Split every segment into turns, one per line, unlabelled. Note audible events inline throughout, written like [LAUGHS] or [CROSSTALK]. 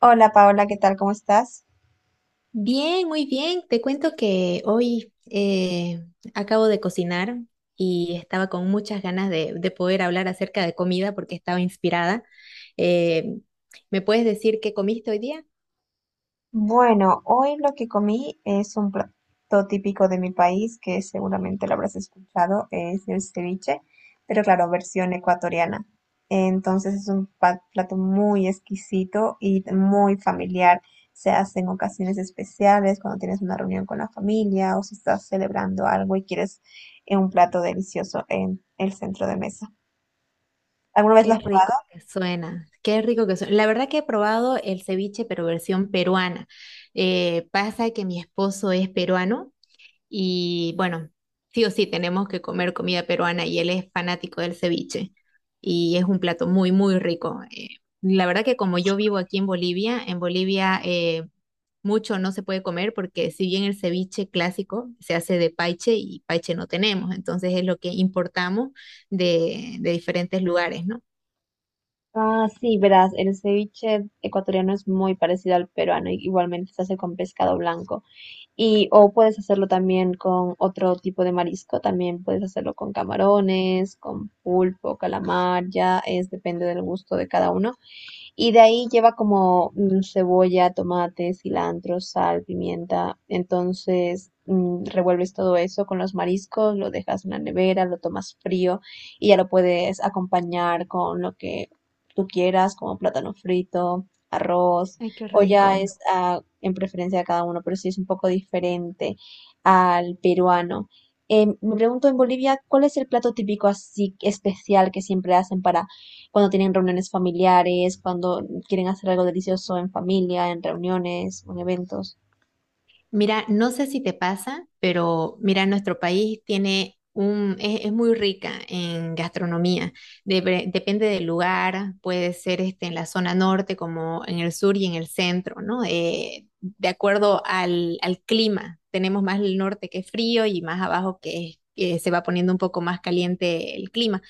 Hola Paola, ¿qué tal? ¿Cómo estás?
Bien, muy bien. Te cuento que hoy acabo de cocinar y estaba con muchas ganas de poder hablar acerca de comida porque estaba inspirada. Eh, ¿Me puedes decir qué comiste hoy día?
Bueno, hoy lo que comí es un plato típico de mi país que seguramente lo habrás escuchado, es el ceviche, pero claro, versión ecuatoriana. Entonces es un plato muy exquisito y muy familiar. Se hace en ocasiones especiales, cuando tienes una reunión con la familia o si estás celebrando algo y quieres un plato delicioso en el centro de mesa. ¿Alguna vez lo
Qué
has
rico que suena, qué rico que suena. La verdad que he probado el ceviche, pero versión peruana. Pasa que mi esposo es peruano. Y bueno, sí o sí tenemos que comer comida peruana y él es fanático del ceviche y es un plato muy, muy rico. La verdad que como yo vivo aquí en Bolivia mucho no se puede comer porque si bien el ceviche clásico se hace de paiche y paiche no tenemos, entonces es lo que importamos de diferentes lugares, ¿no?
Ah, sí, verás, el ceviche ecuatoriano es muy parecido al peruano, y igualmente se hace con pescado blanco. Y o puedes hacerlo también con otro tipo de marisco, también puedes hacerlo con camarones, con pulpo, calamar, ya es depende del gusto de cada uno. Y de ahí lleva como cebolla, tomate, cilantro, sal, pimienta. Entonces revuelves todo eso con los mariscos, lo dejas en la nevera, lo tomas frío y ya lo puedes acompañar con lo que tú quieras, como plátano frito, arroz,
Ay, qué
o ya
rico.
es en preferencia de cada uno, pero sí es un poco diferente al peruano. Me pregunto en Bolivia, ¿cuál es el plato típico así especial que siempre hacen para cuando tienen reuniones familiares, cuando quieren hacer algo delicioso en familia, en reuniones, en eventos?
Mira, no sé si te pasa, pero mira, nuestro país tiene un, es muy rica en gastronomía. Depende del lugar, puede ser este, en la zona norte como en el sur y en el centro, ¿no? De acuerdo al clima, tenemos más el norte que es frío y más abajo que, que se va poniendo un poco más caliente el clima.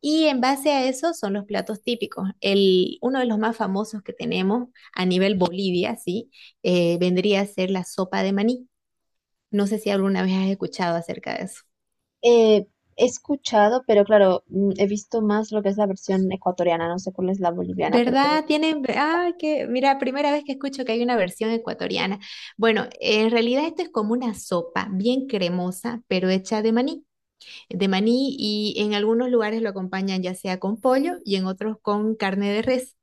Y en base a eso son los platos típicos. El, uno de los más famosos que tenemos a nivel Bolivia, sí, vendría a ser la sopa de maní. No sé si alguna vez has escuchado acerca de eso.
Eh, He escuchado, pero claro, mm, he visto más lo que es la versión ecuatoriana, no sé cuál es la boliviana, pero
¿Verdad? Tienen, ah, que, mira, primera vez que escucho que hay una versión ecuatoriana. Bueno, en realidad esto es como una sopa bien cremosa, pero hecha de maní. De maní, y en algunos lugares lo acompañan ya sea con pollo y en otros con carne de res.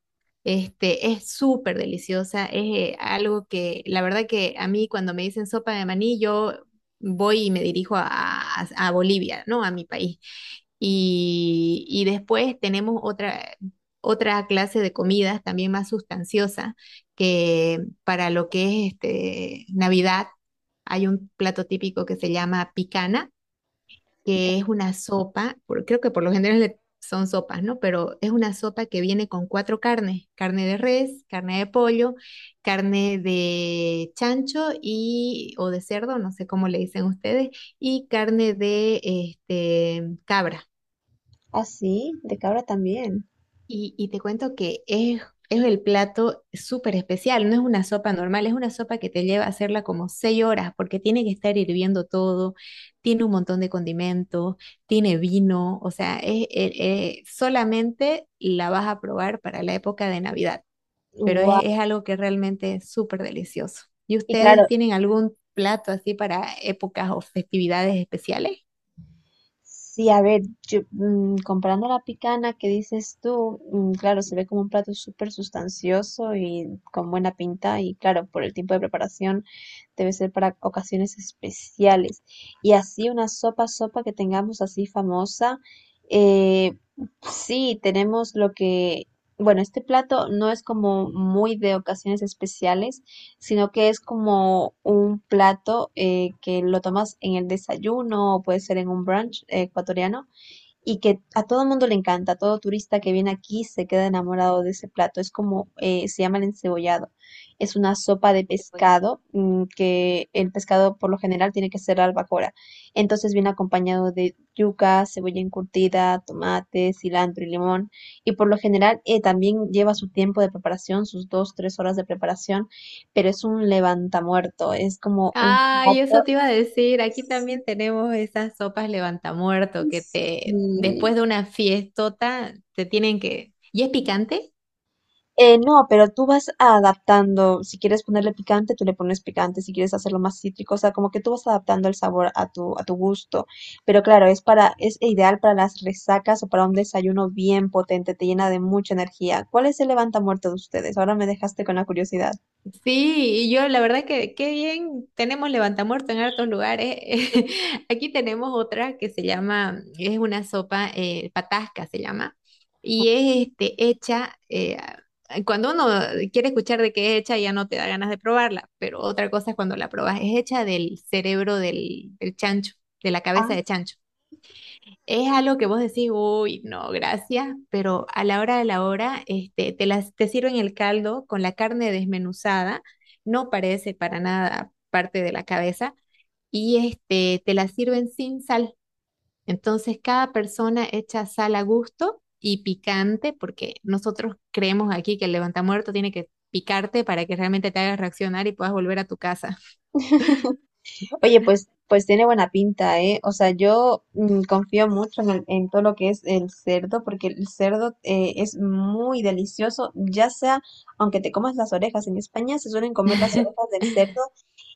Este, es súper deliciosa, es algo que la verdad que a mí cuando me dicen sopa de maní, yo voy y me dirijo a, a Bolivia, ¿no? A mi país. Y después tenemos otra, otra clase de comidas también más sustanciosa que para lo que es este, Navidad. Hay un plato típico que se llama picana, que es una sopa, creo que por lo general son sopas, ¿no? Pero es una sopa que viene con cuatro carnes, carne de res, carne de pollo, carne de chancho y o de cerdo, no sé cómo le dicen ustedes, y carne de este cabra.
así, de cabra también.
Y te cuento que es el plato súper especial, no es una sopa normal, es una sopa que te lleva a hacerla como seis horas porque tiene que estar hirviendo todo, tiene un montón de condimentos, tiene vino, o sea, es, solamente la vas a probar para la época de Navidad, pero
Guau.
es algo que realmente es súper delicioso. ¿Y
Y claro,
ustedes tienen algún plato así para épocas o festividades especiales?
sí, a ver, yo, mm, comparando la picana que dices tú, mm, claro, se ve como un plato súper sustancioso y con buena pinta y claro, por el tiempo de preparación debe ser para ocasiones especiales. Y así una sopa, sopa que tengamos así famosa, eh, sí, tenemos lo que, bueno, este plato no es como muy de ocasiones especiales sino que es como un plato que lo tomas en el desayuno o puede ser en un brunch ecuatoriano y que a todo mundo le encanta, todo turista que viene aquí se queda enamorado de ese plato. Es como, se llama el encebollado. Es una sopa de pescado, mm, que el pescado por lo general tiene que ser albacora. Entonces viene acompañado de yuca, cebolla encurtida, tomate, cilantro y limón. Y por lo general también lleva su tiempo de preparación, sus dos, tres horas de preparación, pero es un levantamuerto, es como un
Ay,
plato.
eso te iba a decir. Aquí
Sí,
también tenemos esas sopas levantamuerto que te,
sí.
después de una fiestota, te tienen que. ¿Y es picante?
No, pero tú vas adaptando, si quieres ponerle picante, tú le pones picante, si quieres hacerlo más cítrico, o sea, como que tú vas adaptando el sabor a tu gusto. Pero claro, es para, es ideal para las resacas o para un desayuno bien potente, te llena de mucha energía. ¿Cuál es el levanta muerto de ustedes? Ahora me dejaste con la curiosidad.
Sí, y yo la verdad que qué bien, tenemos levantamuerto en hartos lugares. [LAUGHS] Aquí tenemos otra que se llama, es una sopa, patasca se llama, y es este, hecha, cuando uno quiere escuchar de qué es hecha ya no te da ganas de probarla, pero otra cosa es cuando la probas, es hecha del cerebro del chancho, de la
Ah.
cabeza de chancho. Es algo que vos decís, uy, no, gracias, pero a la hora de la hora, este, te las, te sirven el caldo con la carne desmenuzada, no parece para nada parte de la cabeza, y este, te la sirven sin sal. Entonces, cada persona echa sal a gusto y picante, porque nosotros creemos aquí que el levantamuerto tiene que picarte para que realmente te hagas reaccionar y puedas volver a tu casa.
[LAUGHS] Oye, pues, pues tiene buena pinta, ¿eh? O sea, yo mm, confío mucho en, en todo lo que es el cerdo, porque el cerdo es muy delicioso, ya sea, aunque te comas las orejas, en España se suelen comer las orejas
[LAUGHS]
del cerdo,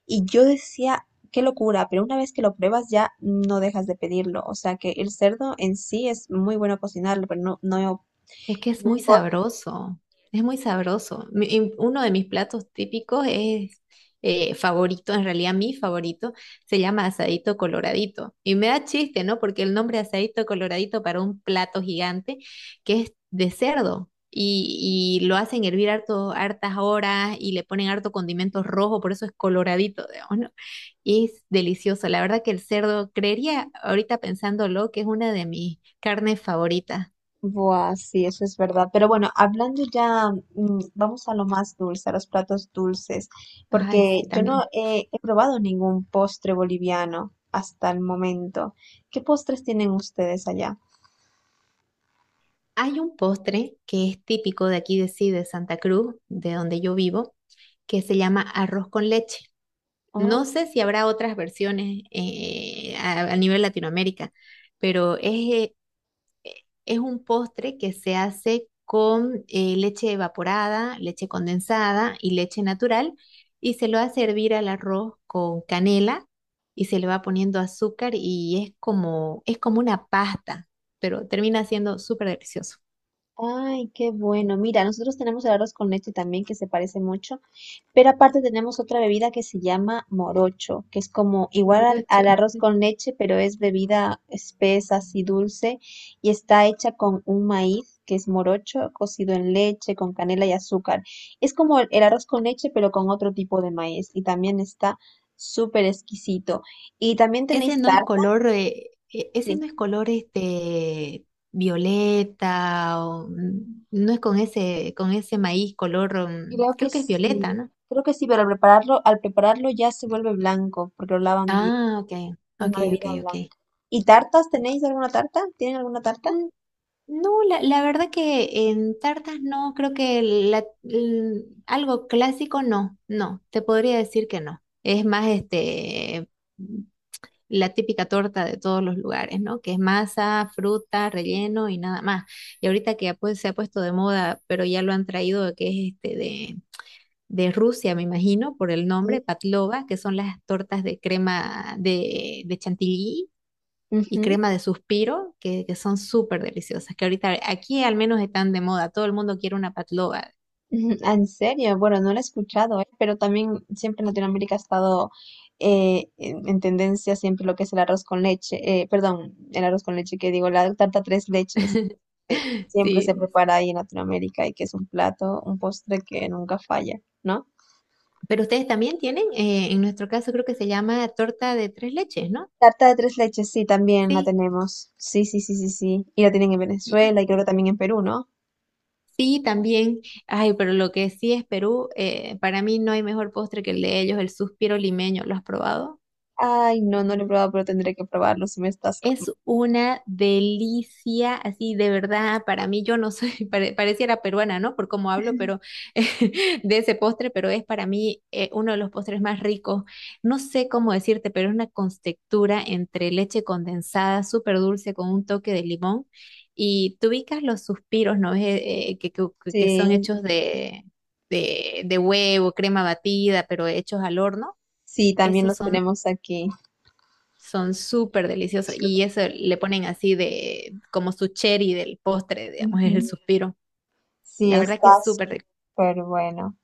y yo decía, qué locura, pero una vez que lo pruebas ya no dejas de pedirlo, o sea que el cerdo en sí es muy bueno cocinarlo, pero no, no,
Es que es
no
muy
importa.
sabroso, es muy sabroso. Y uno de mis platos típicos es favorito, en realidad mi favorito, se llama asadito coloradito. Y me da chiste, ¿no? Porque el nombre asadito coloradito para un plato gigante que es de cerdo. Y lo hacen hervir harto, hartas horas y le ponen harto condimento rojo, por eso es coloradito, digamos, ¿no? Y es delicioso. La verdad que el cerdo, creería ahorita pensándolo, que es una de mis carnes favoritas.
Buah, sí, eso es verdad. Pero bueno, hablando ya, mm, vamos a lo más dulce, a los platos dulces,
Ay,
porque
sí,
yo no
también.
he, he probado ningún postre boliviano hasta el momento. ¿Qué postres tienen ustedes allá?
Hay un postre que es típico de aquí de sí, de Santa Cruz, de donde yo vivo, que se llama arroz con leche.
Ah,
No sé si habrá otras versiones a nivel Latinoamérica, pero eh, es un postre que se hace con leche evaporada, leche condensada y leche natural, y se lo hace hervir al arroz con canela y se le va poniendo azúcar y es como una pasta, pero termina siendo súper delicioso.
ay, qué bueno. Mira, nosotros tenemos el arroz con leche también, que se parece mucho. Pero aparte tenemos otra bebida que se llama morocho, que es como igual al,
Morocho.
al arroz con leche, pero es bebida espesa, así dulce, y está hecha con un maíz que es morocho, cocido en leche, con canela y azúcar. Es como el arroz con leche, pero con otro tipo de maíz, y también está súper exquisito. Y también tenéis
Ese no es
tarta,
color, ese
sí,
no es color este violeta o mm, no es con ese maíz color, mm,
creo que
creo que es
sí,
violeta, ¿no?
creo que sí, pero al prepararlo ya se vuelve blanco, porque lo lavan bien.
Ah, ok, ok,
Una
ok,
bebida
ok.
blanca. ¿Y tartas? ¿Tenéis alguna tarta? ¿Tienen alguna tarta?
Mm, no, la verdad que en tartas no, creo que algo clásico no, no, te podría decir que no. Es más este la típica torta de todos los lugares, ¿no? Que es masa, fruta, relleno y nada más. Y ahorita que ya, pues, se ha puesto de moda, pero ya lo han traído, que es este de Rusia, me imagino, por el nombre,
Sí.
patlova, que son las tortas de crema de chantilly y
Ujú, [LAUGHS]
crema de suspiro, que son súper deliciosas, que ahorita aquí al menos están de moda, todo el mundo quiere una patlova.
ujú. Ah, en serio, bueno, no lo he escuchado, ¿eh? Pero también siempre en Latinoamérica ha estado en tendencia siempre lo que es el arroz con leche, perdón, el arroz con leche que digo, la tarta tres leches, que
[LAUGHS]
siempre se
Sí.
prepara ahí en Latinoamérica y que es un plato, un postre que nunca falla, ¿no?
Pero ustedes también tienen, en nuestro caso creo que se llama torta de tres leches, ¿no?
Tarta de tres leches, sí, también la
Sí.
tenemos. Sí, sí, sí, sí, sí. Y la tienen en Venezuela y creo que también en Perú, ¿no?
Sí, también. Ay, pero lo que sí es Perú, para mí no hay mejor postre que el de ellos, el suspiro limeño. ¿Lo has probado?
Ay, no, no lo he probado, pero tendré que probarlo si me estás... com-
Es una delicia, así de verdad, para mí yo no soy, [LAUGHS] pareciera peruana, ¿no? Por cómo hablo, pero [LAUGHS] de ese postre, pero es para mí uno de los postres más ricos. No sé cómo decirte, pero es una textura entre leche condensada, súper dulce, con un toque de limón. Y tú ubicas los suspiros, ¿no? Es, que, son
Sí,
hechos de, de huevo, crema batida, pero hechos al horno.
sí, también
Esos
los
son
tenemos aquí.
son súper deliciosos. Y eso le ponen así de como su cherry del postre, digamos, [LAUGHS] es el
Ujú.
suspiro.
Sí,
La verdad
está
que es súper rico.
súper bueno.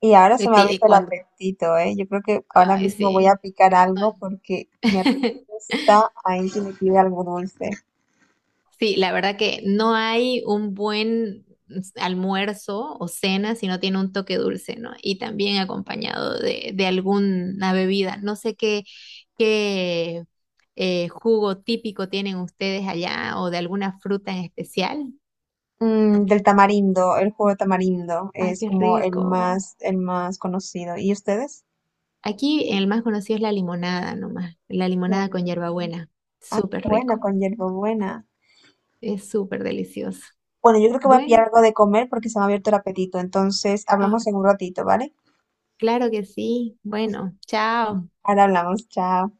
Y ahora se me ha
Y
abierto el
cuando,
apetito, ¿eh? Yo creo que ahora
ay,
mismo voy a
sí.
picar
[LAUGHS]
algo porque mi apetito está ahí que me pide algo dulce.
Sí, la verdad que no hay un buen almuerzo o cena si no tiene un toque dulce, ¿no? Y también acompañado de alguna bebida. No sé qué, qué jugo típico tienen ustedes allá o de alguna fruta en especial.
Mm, del tamarindo, el jugo de tamarindo
Ay,
es
qué
como
rico.
el más conocido. ¿Y ustedes?
Aquí el más conocido es la limonada nomás, la
La
limonada con
limonada.
hierbabuena.
Ay, qué
Súper
bueno,
rico,
con hierbabuena.
es súper delicioso.
Bueno, yo creo que voy a pillar
Bueno,
algo de comer porque se me ha abierto el apetito. Entonces,
ah,
hablamos en un ratito, ¿vale?
claro que sí. Bueno, chao.
Ahora hablamos, chao.